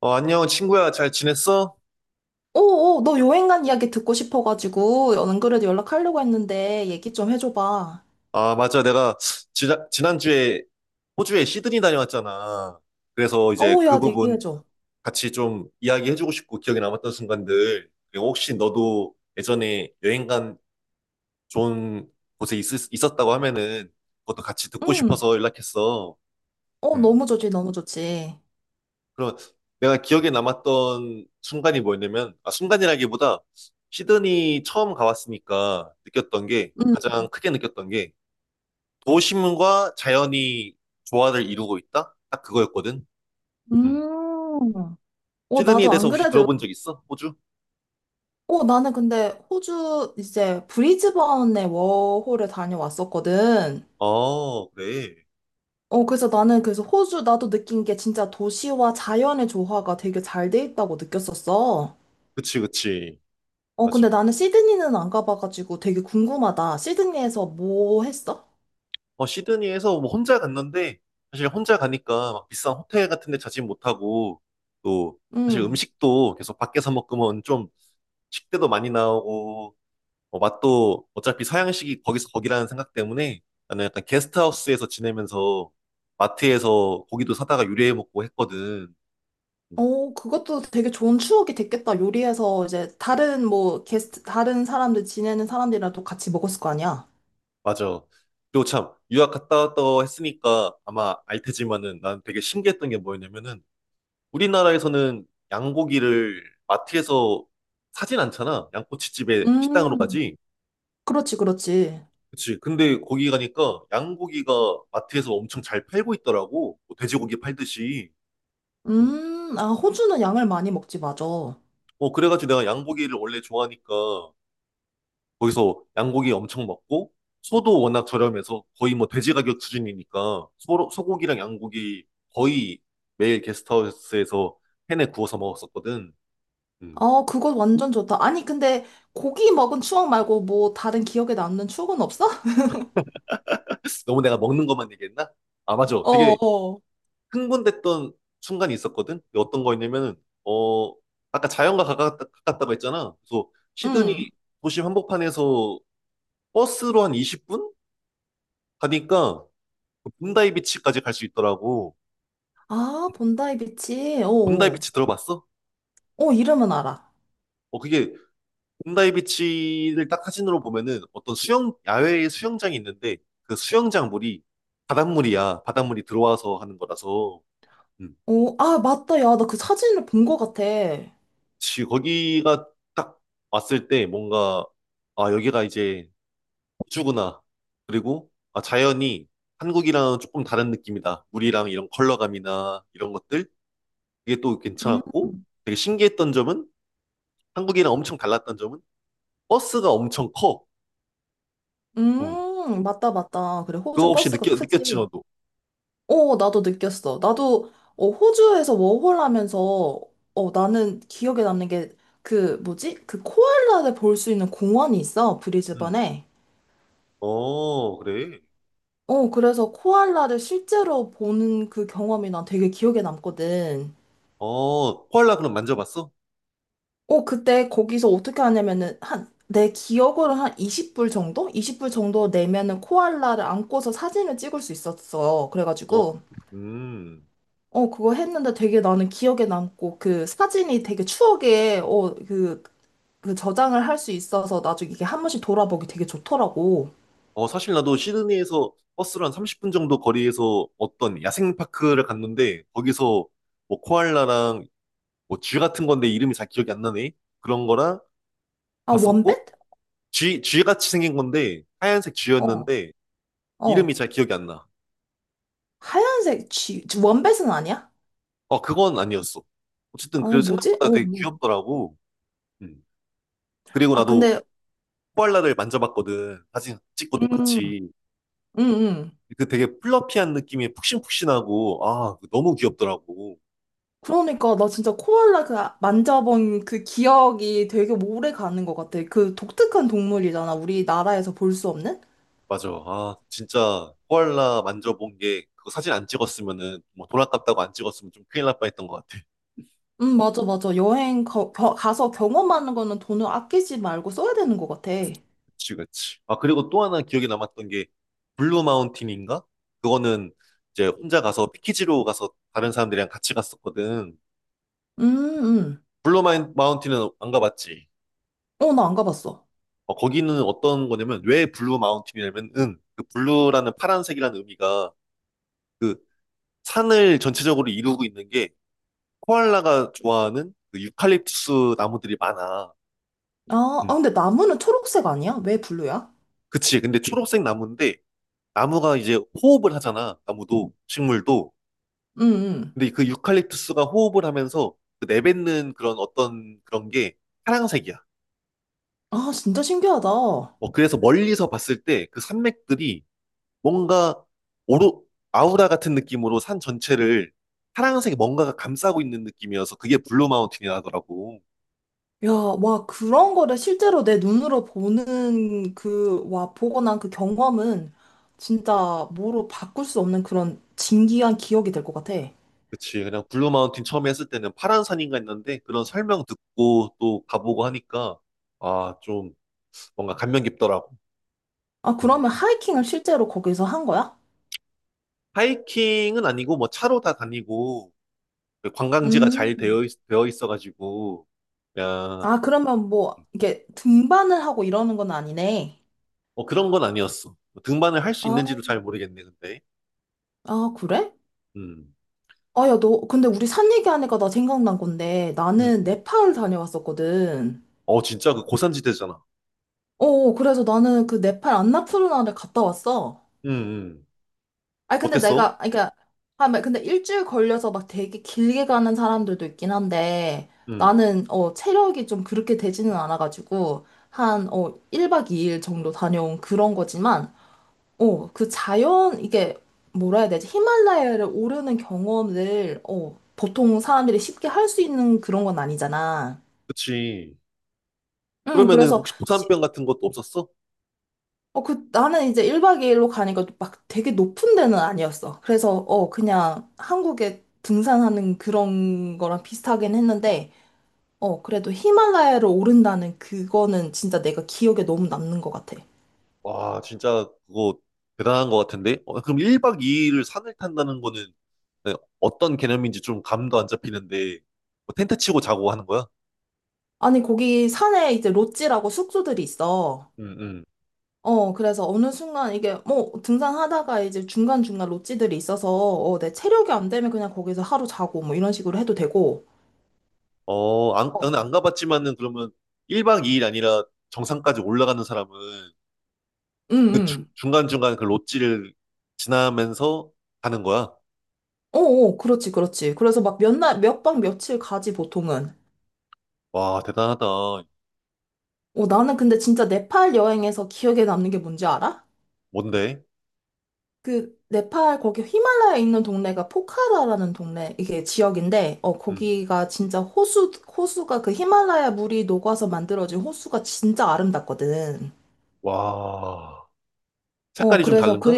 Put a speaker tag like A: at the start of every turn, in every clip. A: 안녕, 친구야. 잘 지냈어?
B: 오, 오, 너 여행 간 이야기 듣고 싶어가지고, 안 그래도 연락하려고 했는데, 얘기 좀 해줘봐.
A: 아, 맞아. 내가 지난주에 호주에 시드니 다녀왔잖아. 그래서 이제
B: 어,
A: 그
B: 야,
A: 부분
B: 얘기해줘.
A: 같이 좀 이야기해주고 싶고 기억에 남았던 순간들. 그리고 혹시 너도 예전에 여행 간 좋은 곳에 있었다고 하면은 그것도 같이 듣고
B: 응.
A: 싶어서 연락했어.
B: 어,
A: 음.
B: 너무 좋지, 너무 좋지.
A: 그럼 내가 기억에 남았던 순간이 뭐였냐면, 아, 순간이라기보다 시드니 처음 가봤으니까 느꼈던 게,
B: 응.
A: 가장 크게 느꼈던 게 도심과 자연이 조화를 이루고 있다? 딱 그거였거든. 음.
B: 음. 어,
A: 시드니에
B: 나도 안
A: 대해서 혹시
B: 그래도,
A: 들어본 적 있어? 호주?
B: 어, 나는 근데 호주 이제 브리즈번에 워홀을 다녀왔었거든.
A: 어, 그래.
B: 어, 그래서 나는 그래서 호주 나도 느낀 게 진짜 도시와 자연의 조화가 되게 잘 돼 있다고 느꼈었어.
A: 그치, 그치.
B: 어,
A: 맞아.
B: 근데 나는 시드니는 안 가봐가지고 되게 궁금하다. 시드니에서 뭐 했어?
A: 시드니에서 뭐 혼자 갔는데, 사실 혼자 가니까 막 비싼 호텔 같은 데 자진 못하고, 또, 사실
B: 음.
A: 음식도 계속 밖에서 먹으면 좀 식대도 많이 나오고, 맛도 어차피 서양식이 거기서 거기라는 생각 때문에 나는 약간 게스트하우스에서 지내면서 마트에서 고기도 사다가 요리해 먹고 했거든. 음.
B: 어, 그것도 되게 좋은 추억이 됐겠다. 요리해서 이제 다른 다른 사람들 지내는 사람들이랑도 같이 먹었을 거 아니야?
A: 맞아. 그리고 참, 유학 갔다 왔다 했으니까 아마 알 테지만은 난 되게 신기했던 게 뭐였냐면은 우리나라에서는 양고기를 마트에서 사진 않잖아. 양꼬치집에 식당으로
B: 음,
A: 가지.
B: 그렇지, 그렇지.
A: 그치. 근데 거기 가니까 양고기가 마트에서 엄청 잘 팔고 있더라고. 뭐 돼지고기 팔듯이. 음.
B: 아, 호주는 양을 많이 먹지, 맞아. 어,
A: 그래가지고 내가 양고기를 원래 좋아하니까 거기서 양고기 엄청 먹고 소도 워낙 저렴해서 거의 뭐 돼지 가격 수준이니까 소고기랑 양고기 거의 매일 게스트하우스에서 팬에 구워서 먹었었거든. 음.
B: 그거 완전 좋다. 아니, 근데 고기 먹은 추억 말고 뭐 다른 기억에 남는 추억은 없어?
A: 너무 내가 먹는 것만 얘기했나? 아, 맞아.
B: 어,
A: 되게
B: 어.
A: 흥분됐던 순간이 있었거든. 근데 어떤 거였냐면은, 어, 아까 자연과 가깝다고 했잖아. 그래서 시드니
B: 응.
A: 도시 한복판에서 버스로 한 20분? 가니까 본다이 비치까지 갈 수 있더라고.
B: 아, 본다이 비치. 어,
A: 본다이
B: 어,
A: 비치 들어봤어?
B: 어, 이름은 알아.
A: 어, 그게 홈다이 비치를 딱 사진으로 보면은 어떤 야외에 수영장이 있는데 그 수영장 물이 바닷물이야. 바닷물이 들어와서 하는 거라서. 음.
B: 어, 아, 맞다. 야, 나 그 사진을 본 것 같아.
A: 거기가 딱 왔을 때 뭔가, 아, 여기가 이제 우주구나. 그리고, 아, 자연이 한국이랑 조금 다른 느낌이다. 물이랑 이런 컬러감이나 이런 것들. 이게 또
B: 음.
A: 괜찮았고 되게 신기했던 점은 한국이랑 엄청 달랐던 점은 버스가 엄청 커. 음.
B: 맞다, 맞다. 그래,
A: 그거
B: 호주
A: 혹시
B: 버스가 크지.
A: 느꼈지, 너도?
B: 어, 나도 느꼈어. 나도, 어, 호주에서 워홀 하면서, 어, 나는 기억에 남는 게, 그, 뭐지? 그 코알라를 볼 수 있는 공원이 있어, 브리즈번에.
A: 어, 그래.
B: 어, 그래서 코알라를 실제로 보는 그 경험이 난 되게 기억에 남거든.
A: 어, 코알라 그럼 만져봤어?
B: 어, 그때 거기서 어떻게 하냐면은, 한, 내 기억으로 한 20불 정도? 20불 정도 내면은 코알라를 안고서 사진을 찍을 수 있었어.
A: 어,
B: 그래가지고.
A: 음.
B: 어, 그거 했는데 되게 나는 기억에 남고, 그 사진이 되게 추억에, 그 저장을 할 수 있어서 나중에 이게 한 번씩 돌아보기 되게 좋더라고.
A: 사실 나도 시드니에서 버스로 한 30분 정도 거리에서 어떤 야생파크를 갔는데, 거기서 뭐 코알라랑 뭐 쥐 같은 건데 이름이 잘 기억이 안 나네. 그런 거랑
B: 아,
A: 봤었고,
B: 원뱃?
A: 쥐 같이 생긴 건데, 하얀색
B: 어,
A: 쥐였는데, 이름이
B: 어.
A: 잘 기억이 안 나.
B: 하얀색 쥐, 원뱃은 아니야?
A: 어, 그건 아니었어. 어쨌든,
B: 어,
A: 그래서
B: 뭐지?
A: 생각보다
B: 어,
A: 되게 귀엽더라고. 음. 그리고
B: 아,
A: 나도
B: 근데,
A: 코알라를 만져봤거든. 사진 찍고
B: 음,
A: 똑같이.
B: 음, 음.
A: 그 되게 플러피한 느낌이 푹신푹신하고, 아, 그거 너무 귀엽더라고.
B: 그러니까 나 진짜 코알라 그 만져본 그 기억이 되게 오래 가는 것 같아. 그 독특한 동물이잖아. 우리나라에서 볼 수 없는?
A: 맞아. 아, 진짜 코알라 만져본 게, 그거 사진 안 찍었으면은, 뭐 돈 아깝다고 안 찍었으면 좀 큰일 날 뻔했던 것 같아.
B: 맞아, 맞아. 여행 가서 경험하는 거는 돈을 아끼지 말고 써야 되는 것 같아.
A: 그치, 그치. 아, 그리고 또 하나 기억에 남았던 게, 블루 마운틴인가? 그거는 이제 혼자 가서 패키지로 가서 다른 사람들이랑 같이 갔었거든.
B: 음.
A: 블루 마운틴은안 가봤지.
B: 어, 나 안 가봤어.
A: 어, 거기는 어떤 거냐면, 왜 블루 마운틴이냐면은, 그 블루라는 파란색이라는 의미가, 그 산을 전체적으로 이루고 있는 게 코알라가 좋아하는 그 유칼립투스 나무들이 많아.
B: 아,
A: 음,
B: 아, 근데 나무는 초록색 아니야? 왜 블루야?
A: 그치. 근데 초록색 나무인데 나무가 이제 호흡을 하잖아. 나무도 식물도.
B: 응응.
A: 근데 그 유칼립투스가 호흡을 하면서 그 내뱉는 그런 어떤 그런 게 파랑색이야.
B: 아, 진짜 신기하다.
A: 어, 그래서 멀리서 봤을 때 그 산맥들이 뭔가 오로 아우라 같은 느낌으로 산 전체를 파랑색 뭔가가 감싸고 있는 느낌이어서 그게 블루 마운틴이 나더라고.
B: 야, 와, 그런 거를 실제로 내 눈으로 보는 와, 보고 난 그 경험은 진짜 뭐로 바꿀 수 없는 그런 진귀한 기억이 될 것 같아.
A: 그치. 그냥 블루 마운틴 처음 에 했을 때는 파란 산인가 했는데 그런 설명 듣고 또 가보고 하니까 아, 좀 뭔가 감명 깊더라고.
B: 아,
A: 음.
B: 그러면 하이킹을 실제로 거기서 한 거야?
A: 하이킹은 아니고 뭐 차로 다 다니고 그 관광지가 잘
B: 음.
A: 되어 있어가지고 야,
B: 아, 그러면 뭐, 이게 등반을 하고 이러는 건 아니네.
A: 뭐 그런 건 아니었어. 뭐 등반을 할 수
B: 아,
A: 있는지도 잘 모르겠네, 근데.
B: 아, 그래?
A: 음,
B: 아, 야, 너, 근데 우리 산 얘기하니까 나 생각난 건데,
A: 음,
B: 나는
A: 음.
B: 네팔 다녀왔었거든.
A: 어, 진짜 그 고산지대잖아.
B: 어, 어, 그래서 나는 그 네팔 안나푸르나를 갔다 왔어.
A: 음, 음.
B: 아니, 근데
A: 어땠어?
B: 내가, 아니, 그러니까, 아, 막 근데 일주일 걸려서 막 되게 길게 가는 사람들도 있긴 한데,
A: 음,
B: 나는, 어, 체력이 좀 그렇게 되지는 않아가지고, 한, 1박 2일 정도 다녀온 그런 거지만, 어, 그 자연, 이게, 뭐라 해야 되지? 히말라야를 오르는 경험을, 어, 보통 사람들이 쉽게 할 수 있는 그런 건 아니잖아.
A: 그치.
B: 응,
A: 그러면은
B: 그래서,
A: 혹시 고산병 같은 것도 없었어?
B: 나는 이제 1박 2일로 가니까 막 되게 높은 데는 아니었어. 그래서, 그냥 한국에 등산하는 그런 거랑 비슷하긴 했는데, 어, 그래도 히말라야를 오른다는 그거는 진짜 내가 기억에 너무 남는 것 같아.
A: 와, 진짜 그거 대단한 것 같은데? 어, 그럼 1박 2일을 산을 탄다는 거는 네, 어떤 개념인지 좀 감도 안 잡히는데, 뭐 텐트 치고 자고 하는 거야?
B: 아니, 거기 산에 이제 롯지라고 숙소들이 있어.
A: 음, 음.
B: 어, 그래서 어느 순간 이게 뭐 등산하다가 이제 중간중간 롯지들이 있어서 내 체력이 안 되면 그냥 거기서 하루 자고 뭐 이런 식으로 해도 되고.
A: 어, 안,
B: 어,
A: 나는 안 가봤지만은 그러면 1박 2일 아니라 정상까지 올라가는 사람은
B: 응,
A: 그 중,
B: 응.
A: 중간중간 그 롯지를 지나면서 가는 거야?
B: 어, 어, 그렇지, 그렇지. 그래서 막 몇 날, 몇 박 며칠 가지 보통은.
A: 와, 대단하다.
B: 어, 나는 근데 진짜 네팔 여행에서 기억에 남는 게 뭔지 알아?
A: 뭔데?
B: 그 네팔 거기 히말라야에 있는 동네가 포카라라는 동네 이게 지역인데
A: 음.
B: 거기가 진짜 호수가 그 히말라야 물이 녹아서 만들어진 호수가 진짜 아름답거든.
A: 와,
B: 어,
A: 색깔이 좀
B: 그래서,
A: 다른가?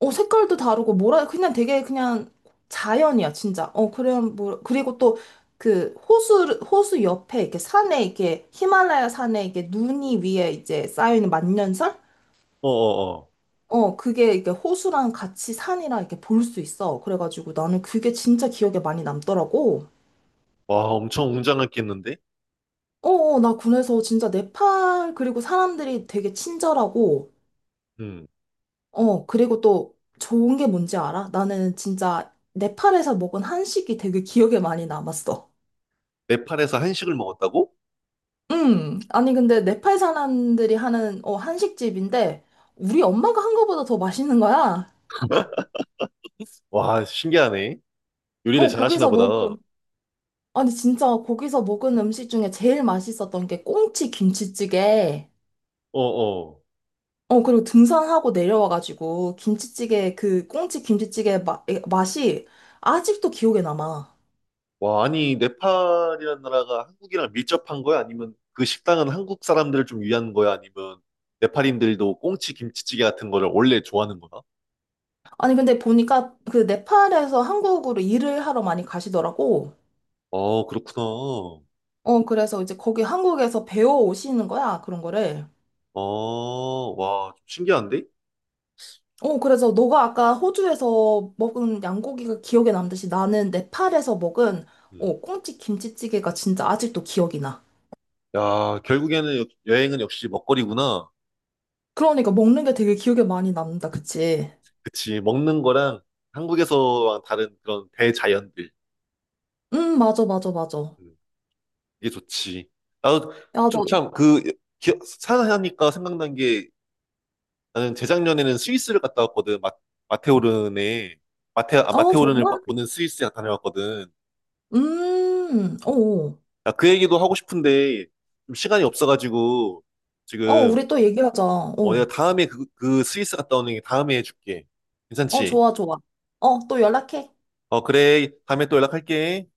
B: 어, 색깔도 다르고, 뭐라, 그냥 되게 그냥 자연이야, 진짜. 어, 그래, 뭐, 그리고 또 그 호수 옆에 이렇게 산에 이렇게 히말라야 산에 이렇게 눈이 위에 이제 쌓여있는 만년설?
A: 어어어.
B: 어, 그게 이렇게 호수랑 같이 산이랑 이렇게 볼 수 있어. 그래가지고 나는 그게 진짜 기억에 많이 남더라고.
A: 와, 엄청 웅장했겠는데?
B: 어, 어, 나 군에서 진짜 네팔, 그리고 사람들이 되게 친절하고,
A: 음.
B: 어, 그리고 또 좋은 게 뭔지 알아? 나는 진짜 네팔에서 먹은 한식이 되게 기억에 많이 남았어.
A: 네팔에서 한식을 먹었다고?
B: 아니, 근데 네팔 사람들이 하는, 한식집인데, 우리 엄마가 한 거보다 더 맛있는 거야.
A: 와, 신기하네. 요리를
B: 어,
A: 잘하시나
B: 거기서
A: 보다.
B: 먹은,
A: 어,
B: 아니, 진짜 거기서 먹은 음식 중에 제일 맛있었던 게 꽁치 김치찌개.
A: 어.
B: 어, 그리고 등산하고 내려와가지고, 김치찌개, 그 꽁치 김치찌개 맛이 아직도 기억에 남아.
A: 와, 아니, 네팔이라는 나라가 한국이랑 밀접한 거야? 아니면 그 식당은 한국 사람들을 좀 위한 거야? 아니면 네팔인들도 꽁치 김치찌개 같은 거를 원래 좋아하는 거야?
B: 아니, 근데 보니까 그 네팔에서 한국으로 일을 하러 많이 가시더라고.
A: 어, 그렇구나.
B: 어, 그래서 이제 거기 한국에서 배워 오시는 거야, 그런 거를.
A: 어, 와, 좀 신기한데?
B: 어, 그래서 너가 아까 호주에서 먹은 양고기가 기억에 남듯이 나는 네팔에서 먹은
A: 음.
B: 꽁치 김치찌개가 진짜 아직도 기억이 나.
A: 야, 결국에는 여행은 역시 먹거리구나.
B: 그러니까 먹는 게 되게 기억에 많이 남는다, 그치?
A: 그치, 먹는 거랑 한국에서와 다른 그런 대자연들.
B: 맞아, 맞아, 맞아. 야,
A: 음. 이게 좋지. 나도
B: 너.
A: 좀 참 그 산하니까 생각난 게 나는 재작년에는 스위스를 갔다 왔거든. 마테오른에 마테 아
B: 어,
A: 마테오른을
B: 정말?
A: 보는 스위스에 다녀왔거든.
B: 어, 어,
A: 나 그 얘기도 하고 싶은데 좀 시간이 없어가지고
B: 어,
A: 지금
B: 우리 또 얘기하자.
A: 내가
B: 어,
A: 다음에 그 스위스 갔다 오는 게 다음에 해줄게.
B: 어,
A: 괜찮지?
B: 좋아, 좋아. 어, 또 연락해.
A: 그래 다음에 또 연락할게.